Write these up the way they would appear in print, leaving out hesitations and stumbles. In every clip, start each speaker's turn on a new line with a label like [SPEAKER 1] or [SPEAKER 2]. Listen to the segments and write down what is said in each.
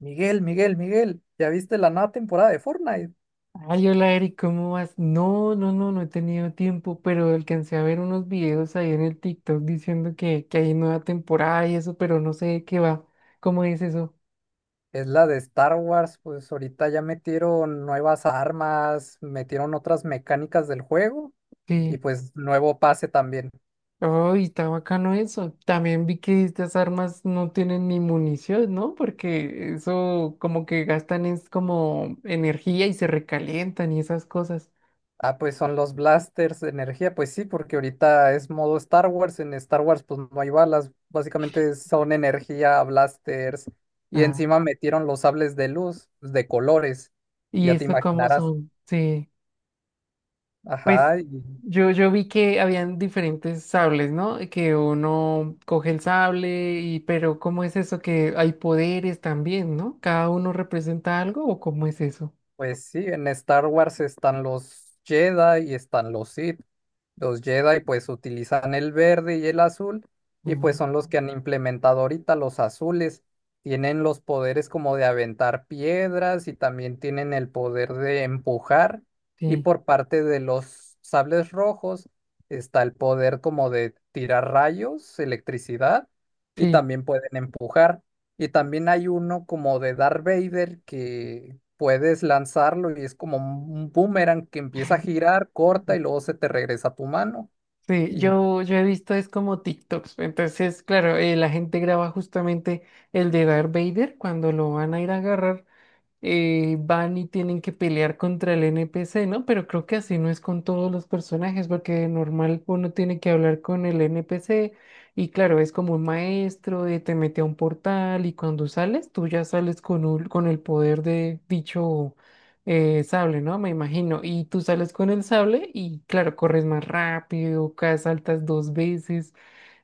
[SPEAKER 1] Miguel, Miguel, Miguel, ¿ya viste la nueva temporada de Fortnite?
[SPEAKER 2] Ay, hola Eric, ¿cómo vas? No, no, no, no he tenido tiempo, pero alcancé a ver unos videos ahí en el TikTok diciendo que hay nueva temporada y eso, pero no sé de qué va. ¿Cómo es eso?
[SPEAKER 1] Es la de Star Wars, pues ahorita ya metieron nuevas armas, metieron otras mecánicas del juego y
[SPEAKER 2] Sí.
[SPEAKER 1] pues nuevo pase también.
[SPEAKER 2] Ay, está bacano eso. También vi que estas armas no tienen ni munición, ¿no? Porque eso como que gastan es como energía y se recalientan y esas cosas.
[SPEAKER 1] Ah, pues son los blasters de energía, pues sí, porque ahorita es modo Star Wars, en Star Wars pues no hay balas, básicamente son energía, blasters y
[SPEAKER 2] Ah,
[SPEAKER 1] encima metieron los sables de luz pues, de colores,
[SPEAKER 2] ¿y
[SPEAKER 1] ya te
[SPEAKER 2] esto cómo
[SPEAKER 1] imaginarás.
[SPEAKER 2] son? Sí. Pues
[SPEAKER 1] Ajá. Y
[SPEAKER 2] yo vi que habían diferentes sables, ¿no? Que uno coge el sable y, pero ¿cómo es eso que hay poderes también, ¿no? ¿Cada uno representa algo o cómo es eso?
[SPEAKER 1] pues sí, en Star Wars están los Jedi y están los Sith. Los Jedi pues utilizan el verde y el azul y pues
[SPEAKER 2] Mm,
[SPEAKER 1] son los que han implementado ahorita los azules. Tienen los poderes como de aventar piedras y también tienen el poder de empujar. Y
[SPEAKER 2] sí,
[SPEAKER 1] por parte de los sables rojos está el poder como de tirar rayos, electricidad y
[SPEAKER 2] sí.
[SPEAKER 1] también pueden empujar. Y también hay uno como de Darth Vader que puedes lanzarlo y es como un boomerang que empieza a girar, corta y luego se te regresa a tu mano.
[SPEAKER 2] Sí,
[SPEAKER 1] Y
[SPEAKER 2] yo he visto es como TikToks. Entonces, claro, la gente graba justamente el de Darth Vader cuando lo van a ir a agarrar, van y tienen que pelear contra el NPC, ¿no? Pero creo que así no es con todos los personajes, porque de normal uno tiene que hablar con el NPC y claro, es como un maestro, de te mete a un portal y cuando sales, tú ya sales con, con el poder de dicho, sable, ¿no? Me imagino. Y tú sales con el sable y claro, corres más rápido, caes, saltas dos veces.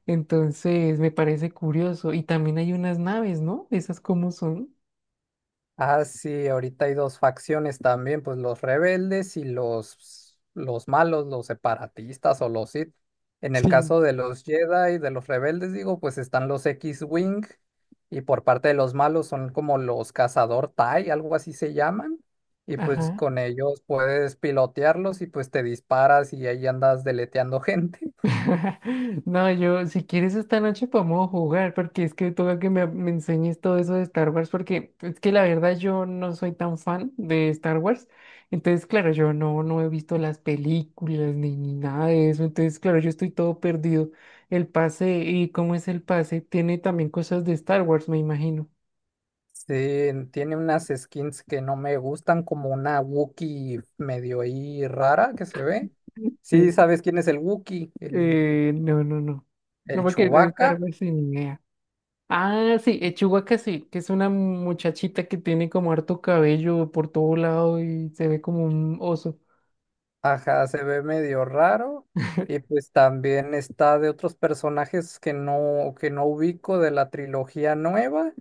[SPEAKER 2] Entonces, me parece curioso. Y también hay unas naves, ¿no? ¿Esas cómo son?
[SPEAKER 1] ah, sí, ahorita hay dos facciones también, pues los rebeldes y los malos, los separatistas o los Sith. En el
[SPEAKER 2] Sí.
[SPEAKER 1] caso de los Jedi, de los rebeldes, digo, pues están los X-Wing y por parte de los malos son como los cazador tie, algo así se llaman. Y pues
[SPEAKER 2] Ajá.
[SPEAKER 1] con ellos puedes pilotearlos y pues te disparas y ahí andas deleteando gente.
[SPEAKER 2] No, yo, si quieres esta noche podemos jugar, porque es que toca que me enseñes todo eso de Star Wars, porque es que la verdad yo no soy tan fan de Star Wars. Entonces, claro, yo no he visto las películas ni nada de eso. Entonces, claro, yo estoy todo perdido. El pase, ¿y cómo es el pase? Tiene también cosas de Star Wars, me imagino.
[SPEAKER 1] Sí, en- tiene unas skins que no me gustan, como una Wookiee medio ahí rara que se ve. Sí,
[SPEAKER 2] Sí.
[SPEAKER 1] ¿sabes quién es el Wookiee?
[SPEAKER 2] No, no, no. No,
[SPEAKER 1] El
[SPEAKER 2] porque de
[SPEAKER 1] Chewbacca.
[SPEAKER 2] Star Wars sin idea. Ah, sí, Chihuahua sí, que es una muchachita que tiene como harto cabello por todo lado y se ve como un oso.
[SPEAKER 1] Ajá, se ve medio raro. Y pues también está de otros personajes que no ubico de la trilogía nueva.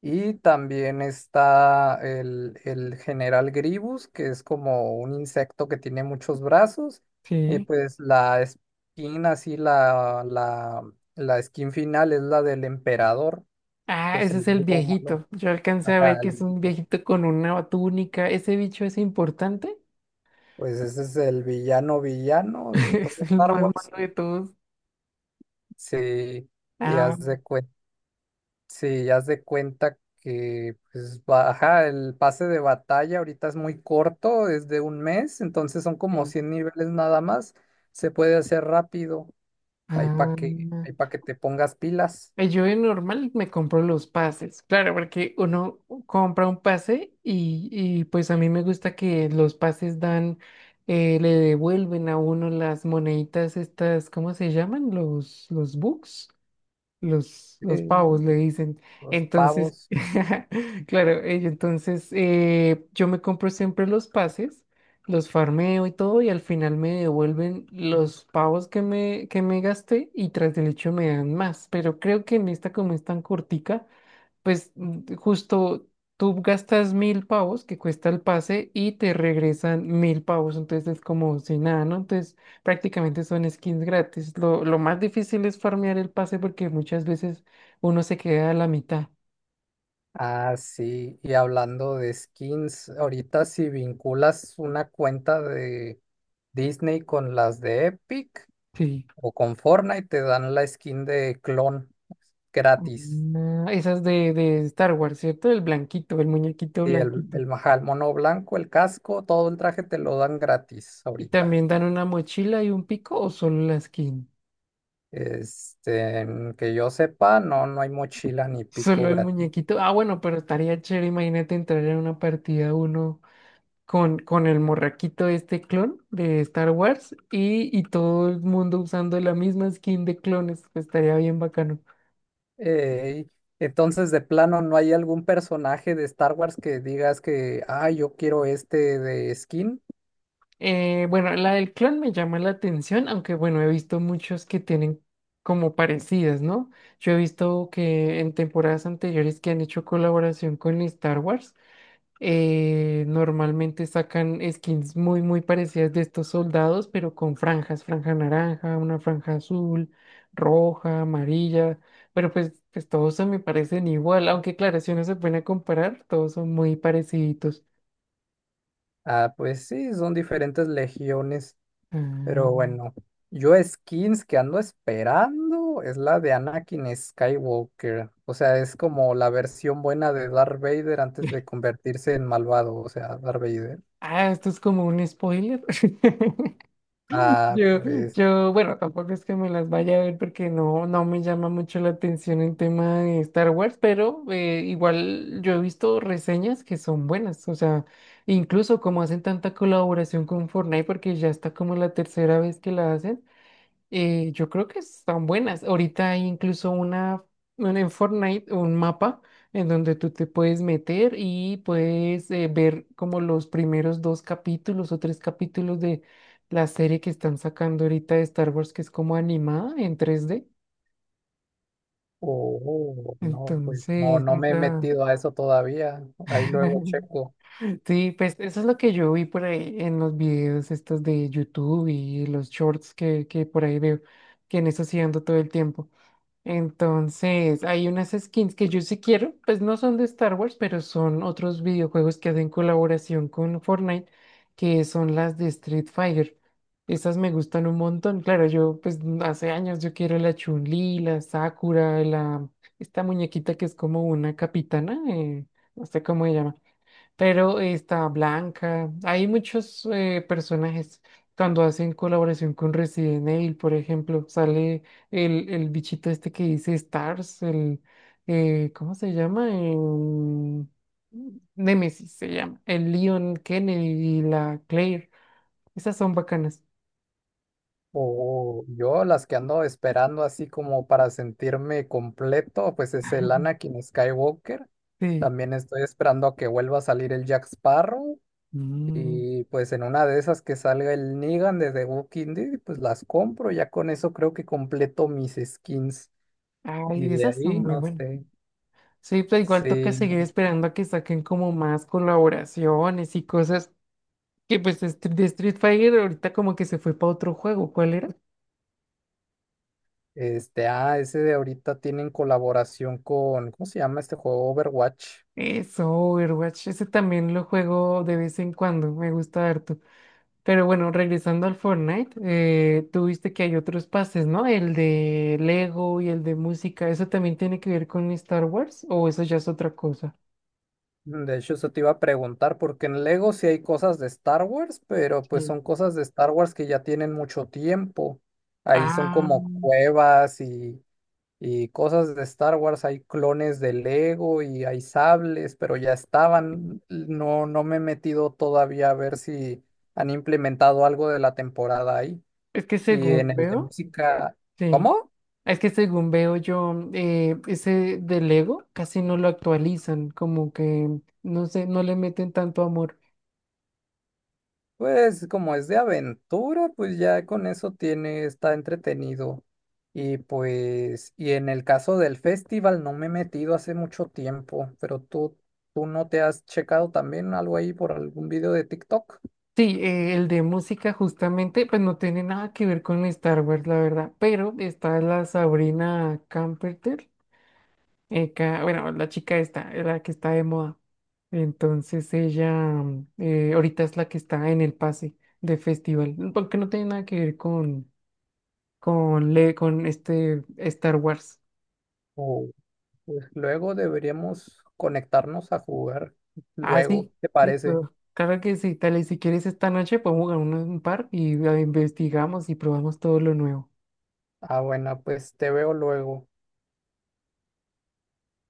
[SPEAKER 1] Y también está el general Gribus, que es como un insecto que tiene muchos brazos. Y
[SPEAKER 2] Sí.
[SPEAKER 1] pues la skin así la skin final es la del emperador.
[SPEAKER 2] Ah,
[SPEAKER 1] Pues
[SPEAKER 2] ese
[SPEAKER 1] el
[SPEAKER 2] es el
[SPEAKER 1] malo, malo.
[SPEAKER 2] viejito. Yo alcancé a ver
[SPEAKER 1] Ajá,
[SPEAKER 2] que
[SPEAKER 1] el
[SPEAKER 2] es un
[SPEAKER 1] viejito,
[SPEAKER 2] viejito con una túnica. ¿Ese bicho es importante?
[SPEAKER 1] pues ese es el villano villano de todo
[SPEAKER 2] Es el
[SPEAKER 1] Star
[SPEAKER 2] más
[SPEAKER 1] Wars.
[SPEAKER 2] malo de todos.
[SPEAKER 1] Sí, y
[SPEAKER 2] Ah,
[SPEAKER 1] haz de hace, sí, ya haz de cuenta que, pues, va- ajá, el pase de batalla ahorita es muy corto, es de un mes, entonces son como
[SPEAKER 2] ok.
[SPEAKER 1] 100 niveles nada más. Se puede hacer rápido, ahí para ahí
[SPEAKER 2] Ah.
[SPEAKER 1] para que te pongas pilas,
[SPEAKER 2] Yo de normal me compro los pases, claro, porque uno compra un pase y pues a mí me gusta que los pases dan, le devuelven a uno las moneditas estas, ¿cómo se llaman? Los bucks. Los pavos
[SPEAKER 1] eh,
[SPEAKER 2] le dicen.
[SPEAKER 1] los
[SPEAKER 2] Entonces,
[SPEAKER 1] pavos.
[SPEAKER 2] claro, ello, entonces, yo me compro siempre los pases, los farmeo y todo, y al final me devuelven los pavos que me gasté y tras del hecho me dan más. Pero creo que en esta, como es tan cortica, pues, justo tú gastas mil pavos que cuesta el pase y te regresan mil pavos, entonces es como si nada, ¿no? Entonces prácticamente son skins gratis. Lo más difícil es farmear el pase porque muchas veces uno se queda a la mitad.
[SPEAKER 1] Ah, sí, y hablando de skins, ahorita si vinculas una cuenta de Disney con las de Epic
[SPEAKER 2] Sí.
[SPEAKER 1] o con Fortnite, te dan la skin de clon gratis.
[SPEAKER 2] Ah, esas de Star Wars, ¿cierto? El blanquito, el muñequito
[SPEAKER 1] Sí,
[SPEAKER 2] blanquito.
[SPEAKER 1] el majal, mono blanco, el casco, todo el traje te lo dan gratis
[SPEAKER 2] Y
[SPEAKER 1] ahorita.
[SPEAKER 2] también dan una mochila y un pico o solo la skin.
[SPEAKER 1] Este, que yo sepa, no, no hay mochila ni
[SPEAKER 2] Solo
[SPEAKER 1] pico
[SPEAKER 2] el
[SPEAKER 1] gratis.
[SPEAKER 2] muñequito. Ah, bueno, pero estaría chévere, imagínate entrar en una partida uno con el morraquito este clon de Star Wars y todo el mundo usando la misma skin de clones, pues estaría bien bacano.
[SPEAKER 1] Ey, entonces, de plano, ¿no hay algún personaje de Star Wars que digas que, ah, yo quiero este de skin?
[SPEAKER 2] Bueno, la del clon me llama la atención, aunque bueno, he visto muchos que tienen como parecidas, ¿no? Yo he visto que en temporadas anteriores que han hecho colaboración con Star Wars, normalmente sacan skins muy, muy parecidas de estos soldados, pero con franjas, franja naranja, una franja azul, roja, amarilla, pero pues todos se me parecen igual, aunque claro, si uno se pone a comparar, todos son muy parecidos.
[SPEAKER 1] Ah, pues sí, son diferentes legiones.
[SPEAKER 2] Ah,
[SPEAKER 1] Pero bueno, yo skins que ando esperando es la de Anakin Skywalker. O sea, es como la versión buena de Darth Vader antes de convertirse en malvado, o sea, Darth Vader.
[SPEAKER 2] ah, esto es como un spoiler.
[SPEAKER 1] Ah,
[SPEAKER 2] Yo,
[SPEAKER 1] pues,
[SPEAKER 2] yo, bueno, tampoco es que me las vaya a ver porque no me llama mucho la atención el tema de Star Wars, pero, igual yo he visto reseñas que son buenas, o sea, incluso como hacen tanta colaboración con Fortnite porque ya está como la tercera vez que la hacen. Yo creo que están buenas. Ahorita hay incluso una en Fortnite, un mapa en donde tú te puedes meter y puedes, ver como los primeros dos capítulos o tres capítulos de la serie que están sacando ahorita de Star Wars, que es como animada en 3D.
[SPEAKER 1] oh, no, pues no,
[SPEAKER 2] Entonces,
[SPEAKER 1] no me he metido a eso todavía. Ahí luego checo.
[SPEAKER 2] sí, pues eso es lo que yo vi por ahí en los videos estos de YouTube y los shorts que por ahí veo, que en eso sí ando todo el tiempo. Entonces, hay unas skins que yo sí quiero, pues no son de Star Wars, pero son otros videojuegos que hacen colaboración con Fortnite, que son las de Street Fighter. Esas me gustan un montón. Claro, yo pues hace años yo quiero la Chun-Li, la Sakura, la esta muñequita que es como una capitana, no sé cómo se llama. Pero está Blanca. Hay muchos, personajes. Cuando hacen colaboración con Resident Evil, por ejemplo, sale el bichito este que dice Stars, el, ¿cómo se llama? Nemesis se llama. El Leon Kennedy y la Claire. Esas son bacanas.
[SPEAKER 1] O yo las que ando esperando así como para sentirme completo, pues es el
[SPEAKER 2] Ujú.
[SPEAKER 1] Anakin Skywalker.
[SPEAKER 2] Sí.
[SPEAKER 1] También estoy esperando a que vuelva a salir el Jack Sparrow.
[SPEAKER 2] Mm.
[SPEAKER 1] Y pues en una de esas que salga el Negan de The Walking Dead, pues las compro. Ya con eso creo que completo mis skins. Y
[SPEAKER 2] Ay,
[SPEAKER 1] de
[SPEAKER 2] esas son
[SPEAKER 1] ahí,
[SPEAKER 2] muy
[SPEAKER 1] no
[SPEAKER 2] buenas.
[SPEAKER 1] sé.
[SPEAKER 2] Sí, pero igual toca
[SPEAKER 1] Sí.
[SPEAKER 2] seguir esperando a que saquen como más colaboraciones y cosas. Que pues, de Street Fighter ahorita como que se fue para otro juego. ¿Cuál era?
[SPEAKER 1] Este, ah, ese de ahorita tienen colaboración con, ¿cómo se llama este juego? Overwatch.
[SPEAKER 2] Eso, Overwatch. Ese también lo juego de vez en cuando. Me gusta harto. Pero bueno, regresando al Fortnite, tú viste que hay otros pases, ¿no? El de Lego y el de música. ¿Eso también tiene que ver con Star Wars? ¿O eso ya es otra cosa?
[SPEAKER 1] Mm, de hecho, eso te iba a preguntar, porque en Lego sí hay cosas de Star Wars, pero pues
[SPEAKER 2] Sí.
[SPEAKER 1] son cosas de Star Wars que ya tienen mucho tiempo. Ahí son
[SPEAKER 2] Ah,
[SPEAKER 1] como cuevas y cosas de Star Wars, hay clones de Lego y hay sables, pero ya estaban. No, no me he metido todavía a ver si han implementado algo de la temporada ahí.
[SPEAKER 2] es que
[SPEAKER 1] Y en
[SPEAKER 2] según
[SPEAKER 1] el de
[SPEAKER 2] veo,
[SPEAKER 1] música,
[SPEAKER 2] sí.
[SPEAKER 1] ¿cómo?
[SPEAKER 2] Es que según veo yo, ese del Lego casi no lo actualizan, como que no sé, no le meten tanto amor.
[SPEAKER 1] Pues como es de aventura, pues ya con eso tiene, está entretenido. Y pues, y en el caso del festival no me he metido hace mucho tiempo, pero tú no te has checado también algo ahí por algún video de TikTok.
[SPEAKER 2] Sí, el de música justamente, pues no tiene nada que ver con Star Wars, la verdad, pero está la Sabrina Carpenter, bueno, la chica esta, la que está de moda. Entonces ella, ahorita es la que está en el pase de festival, porque no tiene nada que ver con, con este Star Wars.
[SPEAKER 1] Pues luego deberíamos conectarnos a jugar.
[SPEAKER 2] Ah,
[SPEAKER 1] Luego,
[SPEAKER 2] sí,
[SPEAKER 1] ¿te parece?
[SPEAKER 2] listo. Claro que sí, tal y si quieres esta noche podemos jugar un par y, investigamos y probamos todo lo nuevo.
[SPEAKER 1] Ah, bueno, pues te veo luego.